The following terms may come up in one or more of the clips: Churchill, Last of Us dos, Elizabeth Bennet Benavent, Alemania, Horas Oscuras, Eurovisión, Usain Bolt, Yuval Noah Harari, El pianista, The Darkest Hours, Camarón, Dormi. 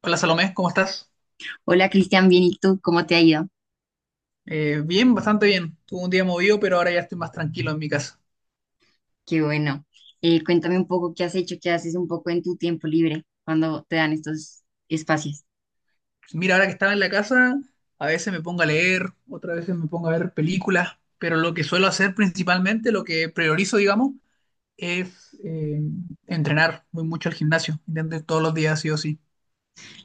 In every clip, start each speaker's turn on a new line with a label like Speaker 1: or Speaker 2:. Speaker 1: Hola Salomé, ¿cómo estás?
Speaker 2: Hola Cristian, bien, ¿y tú? ¿Cómo te ha ido?
Speaker 1: Bien, bastante bien. Tuve un día movido, pero ahora ya estoy más tranquilo en mi casa.
Speaker 2: Qué bueno. Cuéntame un poco qué has hecho, qué haces un poco en tu tiempo libre cuando te dan estos espacios.
Speaker 1: Mira, ahora que estaba en la casa, a veces me pongo a leer, otras veces me pongo a ver películas, pero lo que suelo hacer principalmente, lo que priorizo, digamos, es entrenar. Voy mucho al gimnasio, intento ir todos los días, sí o sí.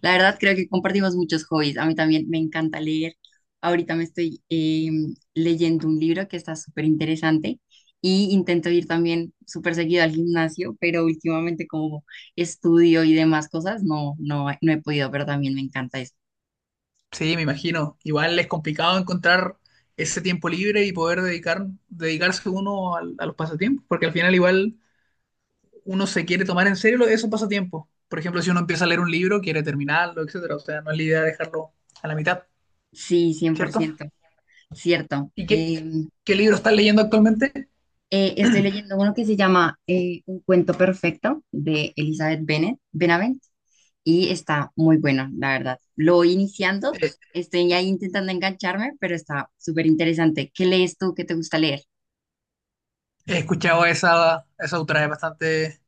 Speaker 2: La verdad creo que compartimos muchos hobbies. A mí también me encanta leer. Ahorita me estoy leyendo un libro que está súper interesante y intento ir también súper seguido al gimnasio, pero últimamente como estudio y demás cosas, no he podido, pero también me encanta eso.
Speaker 1: Sí, me imagino. Igual es complicado encontrar ese tiempo libre y poder dedicarse uno los pasatiempos, porque al final igual uno se quiere tomar en serio esos pasatiempos. Por ejemplo, si uno empieza a leer un libro, quiere terminarlo, etcétera. O sea, no es la idea dejarlo a la mitad,
Speaker 2: Sí, cien por
Speaker 1: ¿cierto?
Speaker 2: ciento, cierto.
Speaker 1: ¿Y qué, qué libro estás leyendo actualmente?
Speaker 2: Estoy leyendo uno que se llama Un cuento perfecto de Elizabeth Bennet, Benavent, y está muy bueno, la verdad. Lo voy iniciando,
Speaker 1: Eh,
Speaker 2: estoy ahí intentando engancharme, pero está súper interesante. ¿Qué lees tú? ¿Qué te gusta leer?
Speaker 1: He escuchado a esa autora,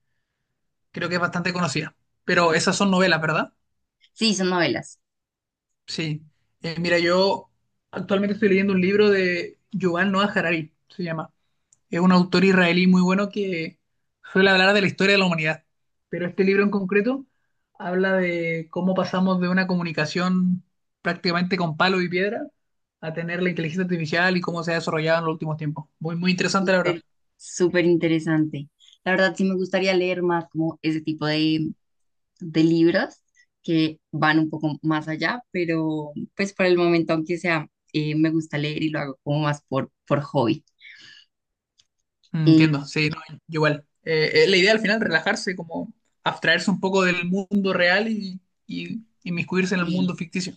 Speaker 1: creo que es bastante conocida. Pero esas
Speaker 2: Sí,
Speaker 1: son novelas, ¿verdad?
Speaker 2: sí, son novelas.
Speaker 1: Sí. Mira, yo actualmente estoy leyendo un libro de Yuval Noah Harari, se llama. Es un autor israelí muy bueno que suele hablar de la historia de la humanidad, pero este libro en concreto habla de cómo pasamos de una comunicación prácticamente con palo y piedra a tener la inteligencia artificial y cómo se ha desarrollado en los últimos tiempos. Muy, muy interesante, la verdad.
Speaker 2: Súper, súper interesante. La verdad, sí me gustaría leer más como ese tipo de libros que van un poco más allá, pero pues por el momento, aunque sea, me gusta leer y lo hago como más por hobby.
Speaker 1: Mm,
Speaker 2: Eh,
Speaker 1: entiendo, sí, no, yo igual. La idea al final, relajarse, como abstraerse un poco del mundo real y inmiscuirse en el
Speaker 2: Sí,
Speaker 1: mundo ficticio.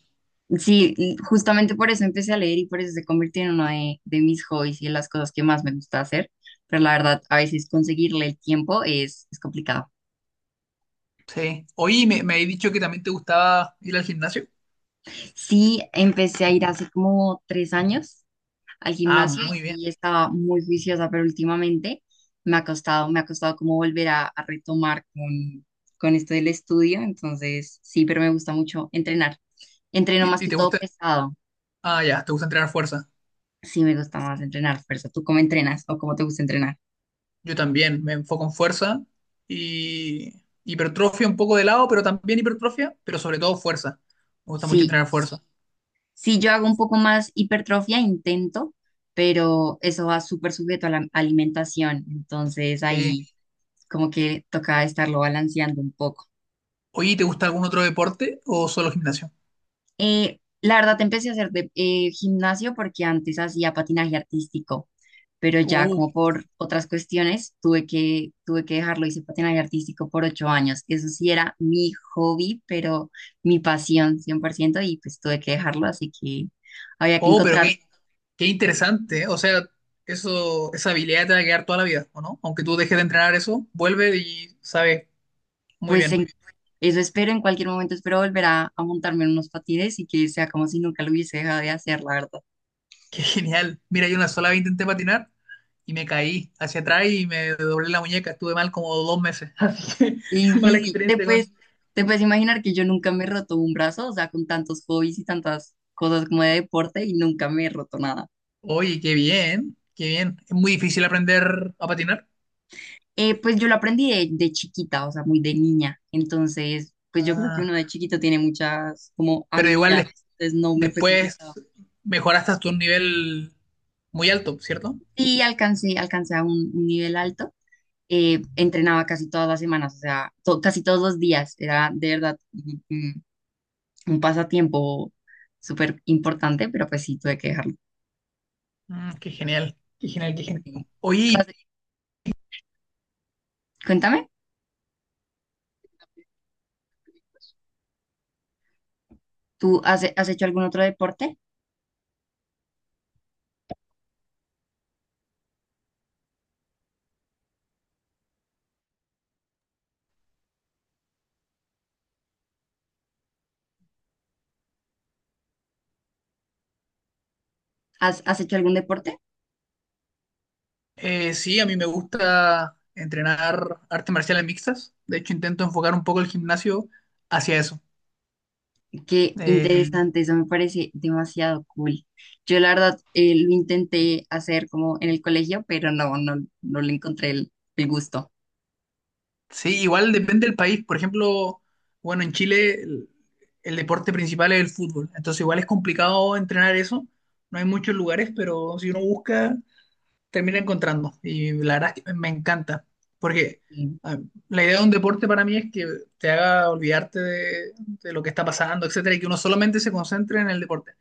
Speaker 2: sí, y justamente por eso empecé a leer y por eso se convirtió en uno de mis hobbies y en las cosas que más me gusta hacer. Pero la verdad, a veces conseguirle el tiempo es complicado.
Speaker 1: Sí. Oye, me habéis dicho que también te gustaba ir al gimnasio.
Speaker 2: Sí, empecé a ir hace como tres años al
Speaker 1: Ah,
Speaker 2: gimnasio
Speaker 1: muy bien.
Speaker 2: y estaba muy juiciosa, pero últimamente me ha costado como volver a retomar con esto del estudio. Entonces, sí, pero me gusta mucho entrenar. Entreno más
Speaker 1: ¿Y
Speaker 2: que
Speaker 1: te
Speaker 2: todo
Speaker 1: gusta?
Speaker 2: pesado.
Speaker 1: Ah, ya, te gusta entrenar fuerza.
Speaker 2: Sí, me gusta más entrenar fuerza. ¿Tú cómo entrenas o cómo te gusta entrenar?
Speaker 1: Yo también me enfoco en fuerza y hipertrofia un poco de lado, pero también hipertrofia, pero sobre todo fuerza. Me gusta mucho
Speaker 2: Sí,
Speaker 1: entrenar fuerza.
Speaker 2: si yo hago un poco más hipertrofia, intento, pero eso va súper sujeto a la alimentación. Entonces
Speaker 1: Sí.
Speaker 2: ahí como que toca estarlo balanceando un poco.
Speaker 1: Oye, ¿te gusta algún otro deporte o solo gimnasio?
Speaker 2: La verdad, empecé a hacer gimnasio porque antes hacía patinaje artístico, pero ya
Speaker 1: Uh,
Speaker 2: como por otras cuestiones tuve que dejarlo. Hice patinaje artístico por ocho años. Eso sí era mi hobby, pero mi pasión 100% y pues tuve que dejarlo, así que había que
Speaker 1: oh, pero
Speaker 2: encontrar,
Speaker 1: qué interesante. ¿Eh? O sea, esa habilidad te va a quedar toda la vida, ¿o no? Aunque tú dejes de entrenar eso, vuelve y sabes muy
Speaker 2: pues
Speaker 1: bien.
Speaker 2: eso espero, en cualquier momento espero volver a montarme en unos patines y que sea como si nunca lo hubiese dejado de hacer, la verdad.
Speaker 1: Qué genial. Mira, yo una sola vez intenté patinar y me caí hacia atrás y me doblé la muñeca. Estuve mal como 2 meses. Así
Speaker 2: Y
Speaker 1: que mala
Speaker 2: difícil,
Speaker 1: experiencia con.
Speaker 2: te puedes imaginar que yo nunca me he roto un brazo, o sea, con tantos hobbies y tantas cosas como de deporte y nunca me he roto nada.
Speaker 1: Oye, qué bien, qué bien. Es muy difícil aprender a patinar.
Speaker 2: Pues yo lo aprendí de chiquita, o sea, muy de niña. Entonces, pues yo creo que
Speaker 1: Ah,
Speaker 2: uno de chiquito tiene muchas como
Speaker 1: pero igual
Speaker 2: habilidades, entonces no me fue
Speaker 1: después
Speaker 2: complicado.
Speaker 1: mejoraste hasta un nivel muy alto, ¿cierto?
Speaker 2: Sí, alcancé, alcancé a un nivel alto, entrenaba casi todas las semanas, o sea, casi todos los días. Era de verdad un pasatiempo súper importante, pero pues sí, tuve que dejarlo.
Speaker 1: Mm, qué genial, qué genial, qué genial.
Speaker 2: ¿Tú
Speaker 1: Oye,
Speaker 2: has- Cuéntame, ¿tú has hecho algún otro deporte? Has hecho algún deporte?
Speaker 1: sí, a mí me gusta entrenar artes marciales mixtas. De hecho, intento enfocar un poco el gimnasio hacia eso.
Speaker 2: Qué
Speaker 1: Eh,
Speaker 2: interesante, eso me parece demasiado cool. Yo la verdad lo intenté hacer como en el colegio, pero no le encontré el gusto.
Speaker 1: Sí, igual depende del país. Por ejemplo, bueno, en Chile el deporte principal es el fútbol. Entonces igual es complicado entrenar eso. No hay muchos lugares, pero si uno busca, termina encontrando. Y la verdad es que me encanta. Porque
Speaker 2: Y,
Speaker 1: ah, la idea de un deporte para mí es que te haga olvidarte de lo que está pasando, etcétera, y que uno solamente se concentre en el deporte.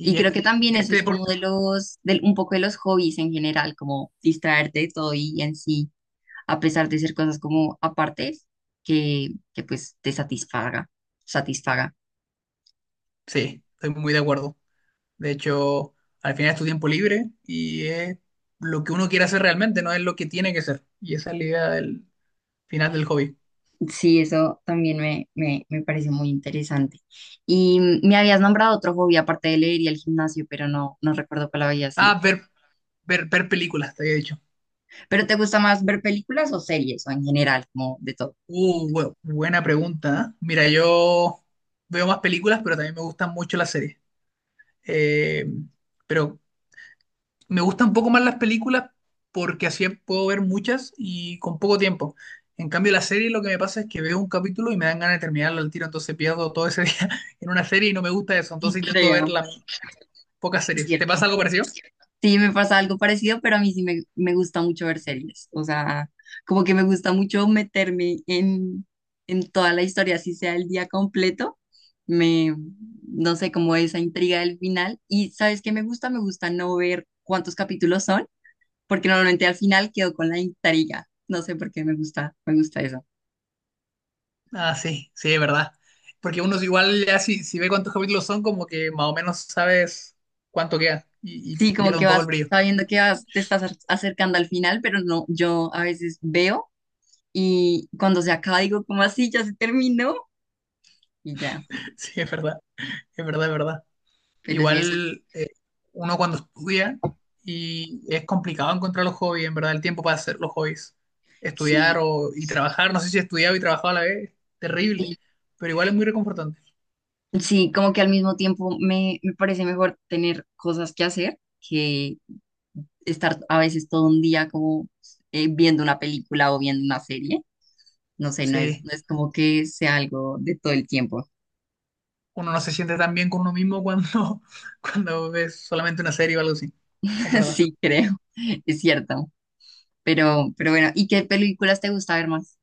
Speaker 2: y creo
Speaker 1: este,
Speaker 2: que también eso
Speaker 1: este
Speaker 2: es como de
Speaker 1: deporte,
Speaker 2: los, del un poco de los hobbies en general, como distraerte de todo y en sí a pesar de ser cosas como apartes, que pues te satisfaga, satisfaga.
Speaker 1: sí, estoy muy de acuerdo. De hecho, al final es tu tiempo libre y es lo que uno quiere hacer realmente, no es lo que tiene que ser. Y esa es la idea del final del hobby.
Speaker 2: Sí, eso también me parece muy interesante. Y mm, me habías nombrado otro hobby aparte de leer y el gimnasio, pero no recuerdo cuál había sido.
Speaker 1: Ah, ver películas, te había dicho.
Speaker 2: ¿Pero te gusta más ver películas o series o en general, como de todo?
Speaker 1: Buena pregunta. ¿Eh? Mira, yo veo más películas, pero también me gustan mucho las series. Eh, pero me gustan un poco más las películas porque así puedo ver muchas y con poco tiempo. En cambio, la serie lo que me pasa es que veo un capítulo y me dan ganas de terminarlo al tiro, entonces pierdo todo ese día en una serie y no me gusta eso,
Speaker 2: Sí,
Speaker 1: entonces intento
Speaker 2: creo,
Speaker 1: ver las pocas
Speaker 2: es
Speaker 1: series. ¿Te
Speaker 2: cierto.
Speaker 1: pasa algo parecido?
Speaker 2: Sí, me pasa algo parecido, pero a mí sí me gusta mucho ver series. O sea, como que me gusta mucho meterme en toda la historia, así sea el día completo. Me, no sé, como esa intriga del final. Y ¿sabes qué me gusta? Me gusta no ver cuántos capítulos son, porque normalmente al final quedo con la intriga. No sé por qué me gusta eso.
Speaker 1: Ah, sí, sí, es verdad. Porque uno es igual ya si ve cuántos capítulos son, como que más o menos sabes cuánto queda y
Speaker 2: Sí, como
Speaker 1: pierde
Speaker 2: que
Speaker 1: un poco
Speaker 2: vas
Speaker 1: el brillo.
Speaker 2: sabiendo que vas, te estás acercando al final, pero no, yo a veces veo y cuando se acaba digo, como así? Ya se terminó y ya.
Speaker 1: Sí, es verdad, es verdad, es verdad.
Speaker 2: Pero sí, eso,
Speaker 1: Igual uno cuando estudia y es complicado encontrar los hobbies, en verdad, el tiempo para hacer los hobbies. Estudiar
Speaker 2: sí,
Speaker 1: y trabajar, no sé si estudiaba y trabajaba a la vez, terrible,
Speaker 2: sí,
Speaker 1: pero igual es muy reconfortante.
Speaker 2: sí, como que al mismo tiempo me parece mejor tener cosas que hacer que estar a veces todo un día como viendo una película o viendo una serie. No sé,
Speaker 1: Sí,
Speaker 2: no es como que sea algo de todo el tiempo.
Speaker 1: uno no se siente tan bien con uno mismo cuando, cuando ves solamente una serie o algo así. Es verdad.
Speaker 2: Sí, creo, es cierto. Pero bueno, ¿y qué películas te gusta ver más?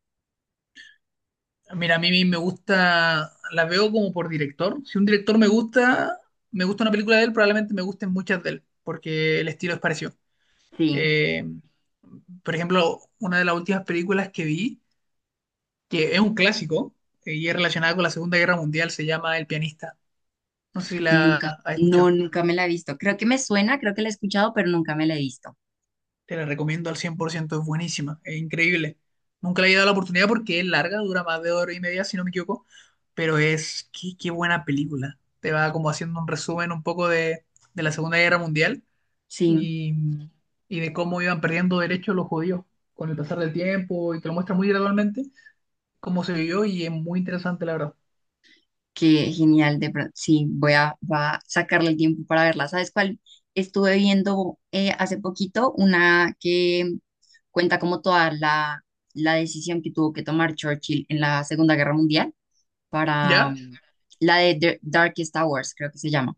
Speaker 1: Mira, a mí me gusta, las veo como por director. Si un director me gusta una película de él, probablemente me gusten muchas de él, porque el estilo es parecido.
Speaker 2: Sí,
Speaker 1: Eh, por ejemplo, una de las últimas películas que vi, que es un clásico, y es relacionada con la Segunda Guerra Mundial, se llama El pianista. No sé si la has escuchado.
Speaker 2: nunca me la he visto. Creo que me suena, creo que la he escuchado, pero nunca me la he visto.
Speaker 1: Te la recomiendo al 100%. Es buenísima, es increíble. Nunca le he dado la oportunidad porque es larga, dura más de hora y media, si no me equivoco, pero qué buena película. Te va como haciendo un resumen un poco de la Segunda Guerra Mundial
Speaker 2: Sí.
Speaker 1: y, y de cómo iban perdiendo derechos los judíos con el pasar del tiempo y te lo muestra muy gradualmente cómo se vivió y es muy interesante, la verdad.
Speaker 2: Qué genial, de pronto. Sí, va a sacarle el tiempo para verla. ¿Sabes cuál? Estuve viendo hace poquito una que cuenta como toda la decisión que tuvo que tomar Churchill en la Segunda Guerra Mundial para
Speaker 1: ¿Ya?
Speaker 2: mm, la de The Darkest Hours, creo que se llama.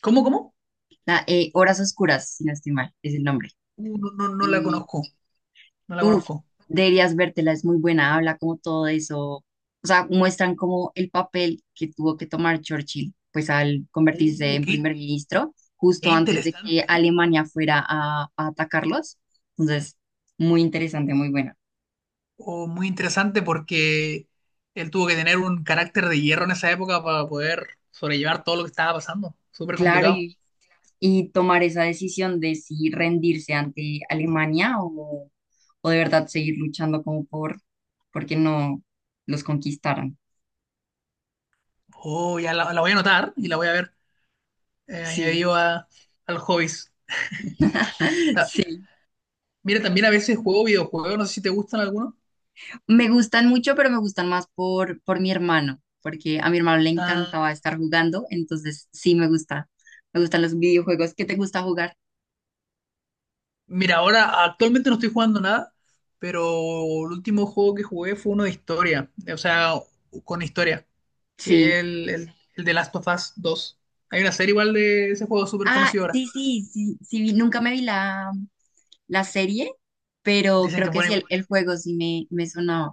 Speaker 1: ¿Cómo?
Speaker 2: La, Horas Oscuras, si no estoy mal, es el nombre.
Speaker 1: No, no, no la conozco, no la
Speaker 2: Uf,
Speaker 1: conozco.
Speaker 2: deberías vértela, es muy buena, habla como todo eso, o sea, muestran como el papel que tuvo que tomar Churchill, pues al convertirse
Speaker 1: Uh,
Speaker 2: en
Speaker 1: qué,
Speaker 2: primer ministro,
Speaker 1: qué
Speaker 2: justo antes de que
Speaker 1: interesante, ¿eh?
Speaker 2: Alemania fuera a atacarlos. Entonces, muy interesante, muy buena.
Speaker 1: O muy interesante porque él tuvo que tener un carácter de hierro en esa época para poder sobrellevar todo lo que estaba pasando. Súper
Speaker 2: Claro,
Speaker 1: complicado.
Speaker 2: y, y tomar esa decisión de si rendirse ante Alemania o de verdad seguir luchando como porque no los conquistaran.
Speaker 1: Oh, ya la voy a anotar y la voy a ver
Speaker 2: Sí,
Speaker 1: añadido al hobbies. Ta-
Speaker 2: sí.
Speaker 1: Mira, también a veces juego videojuegos, no sé si te gustan algunos.
Speaker 2: Me gustan mucho, pero me gustan más por mi hermano, porque a mi hermano le
Speaker 1: Ah,
Speaker 2: encantaba estar jugando, entonces sí me gusta. Me gustan los videojuegos. ¿Qué te gusta jugar?
Speaker 1: mira, ahora actualmente no estoy jugando nada, pero el último juego que jugué fue uno de historia, o sea, con historia,
Speaker 2: Sí.
Speaker 1: que es el de Last of Us 2. Hay una serie igual de ese juego súper
Speaker 2: Ah,
Speaker 1: conocido ahora.
Speaker 2: sí, sí, sí, sí, nunca me vi la serie, pero
Speaker 1: Dicen que
Speaker 2: creo
Speaker 1: es
Speaker 2: que
Speaker 1: bueno
Speaker 2: sí,
Speaker 1: igual.
Speaker 2: el juego sí me sonaba.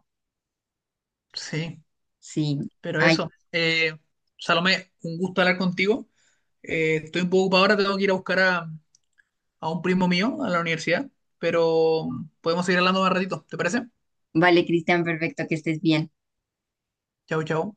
Speaker 1: Sí,
Speaker 2: Sí.
Speaker 1: pero
Speaker 2: Ay,
Speaker 1: eso. Salomé, un gusto hablar contigo. Estoy un poco ocupado ahora, tengo que ir a buscar a un primo mío a la universidad, pero podemos seguir hablando más ratito, ¿te parece?
Speaker 2: vale, Cristian, perfecto, que estés bien.
Speaker 1: Chau, chau.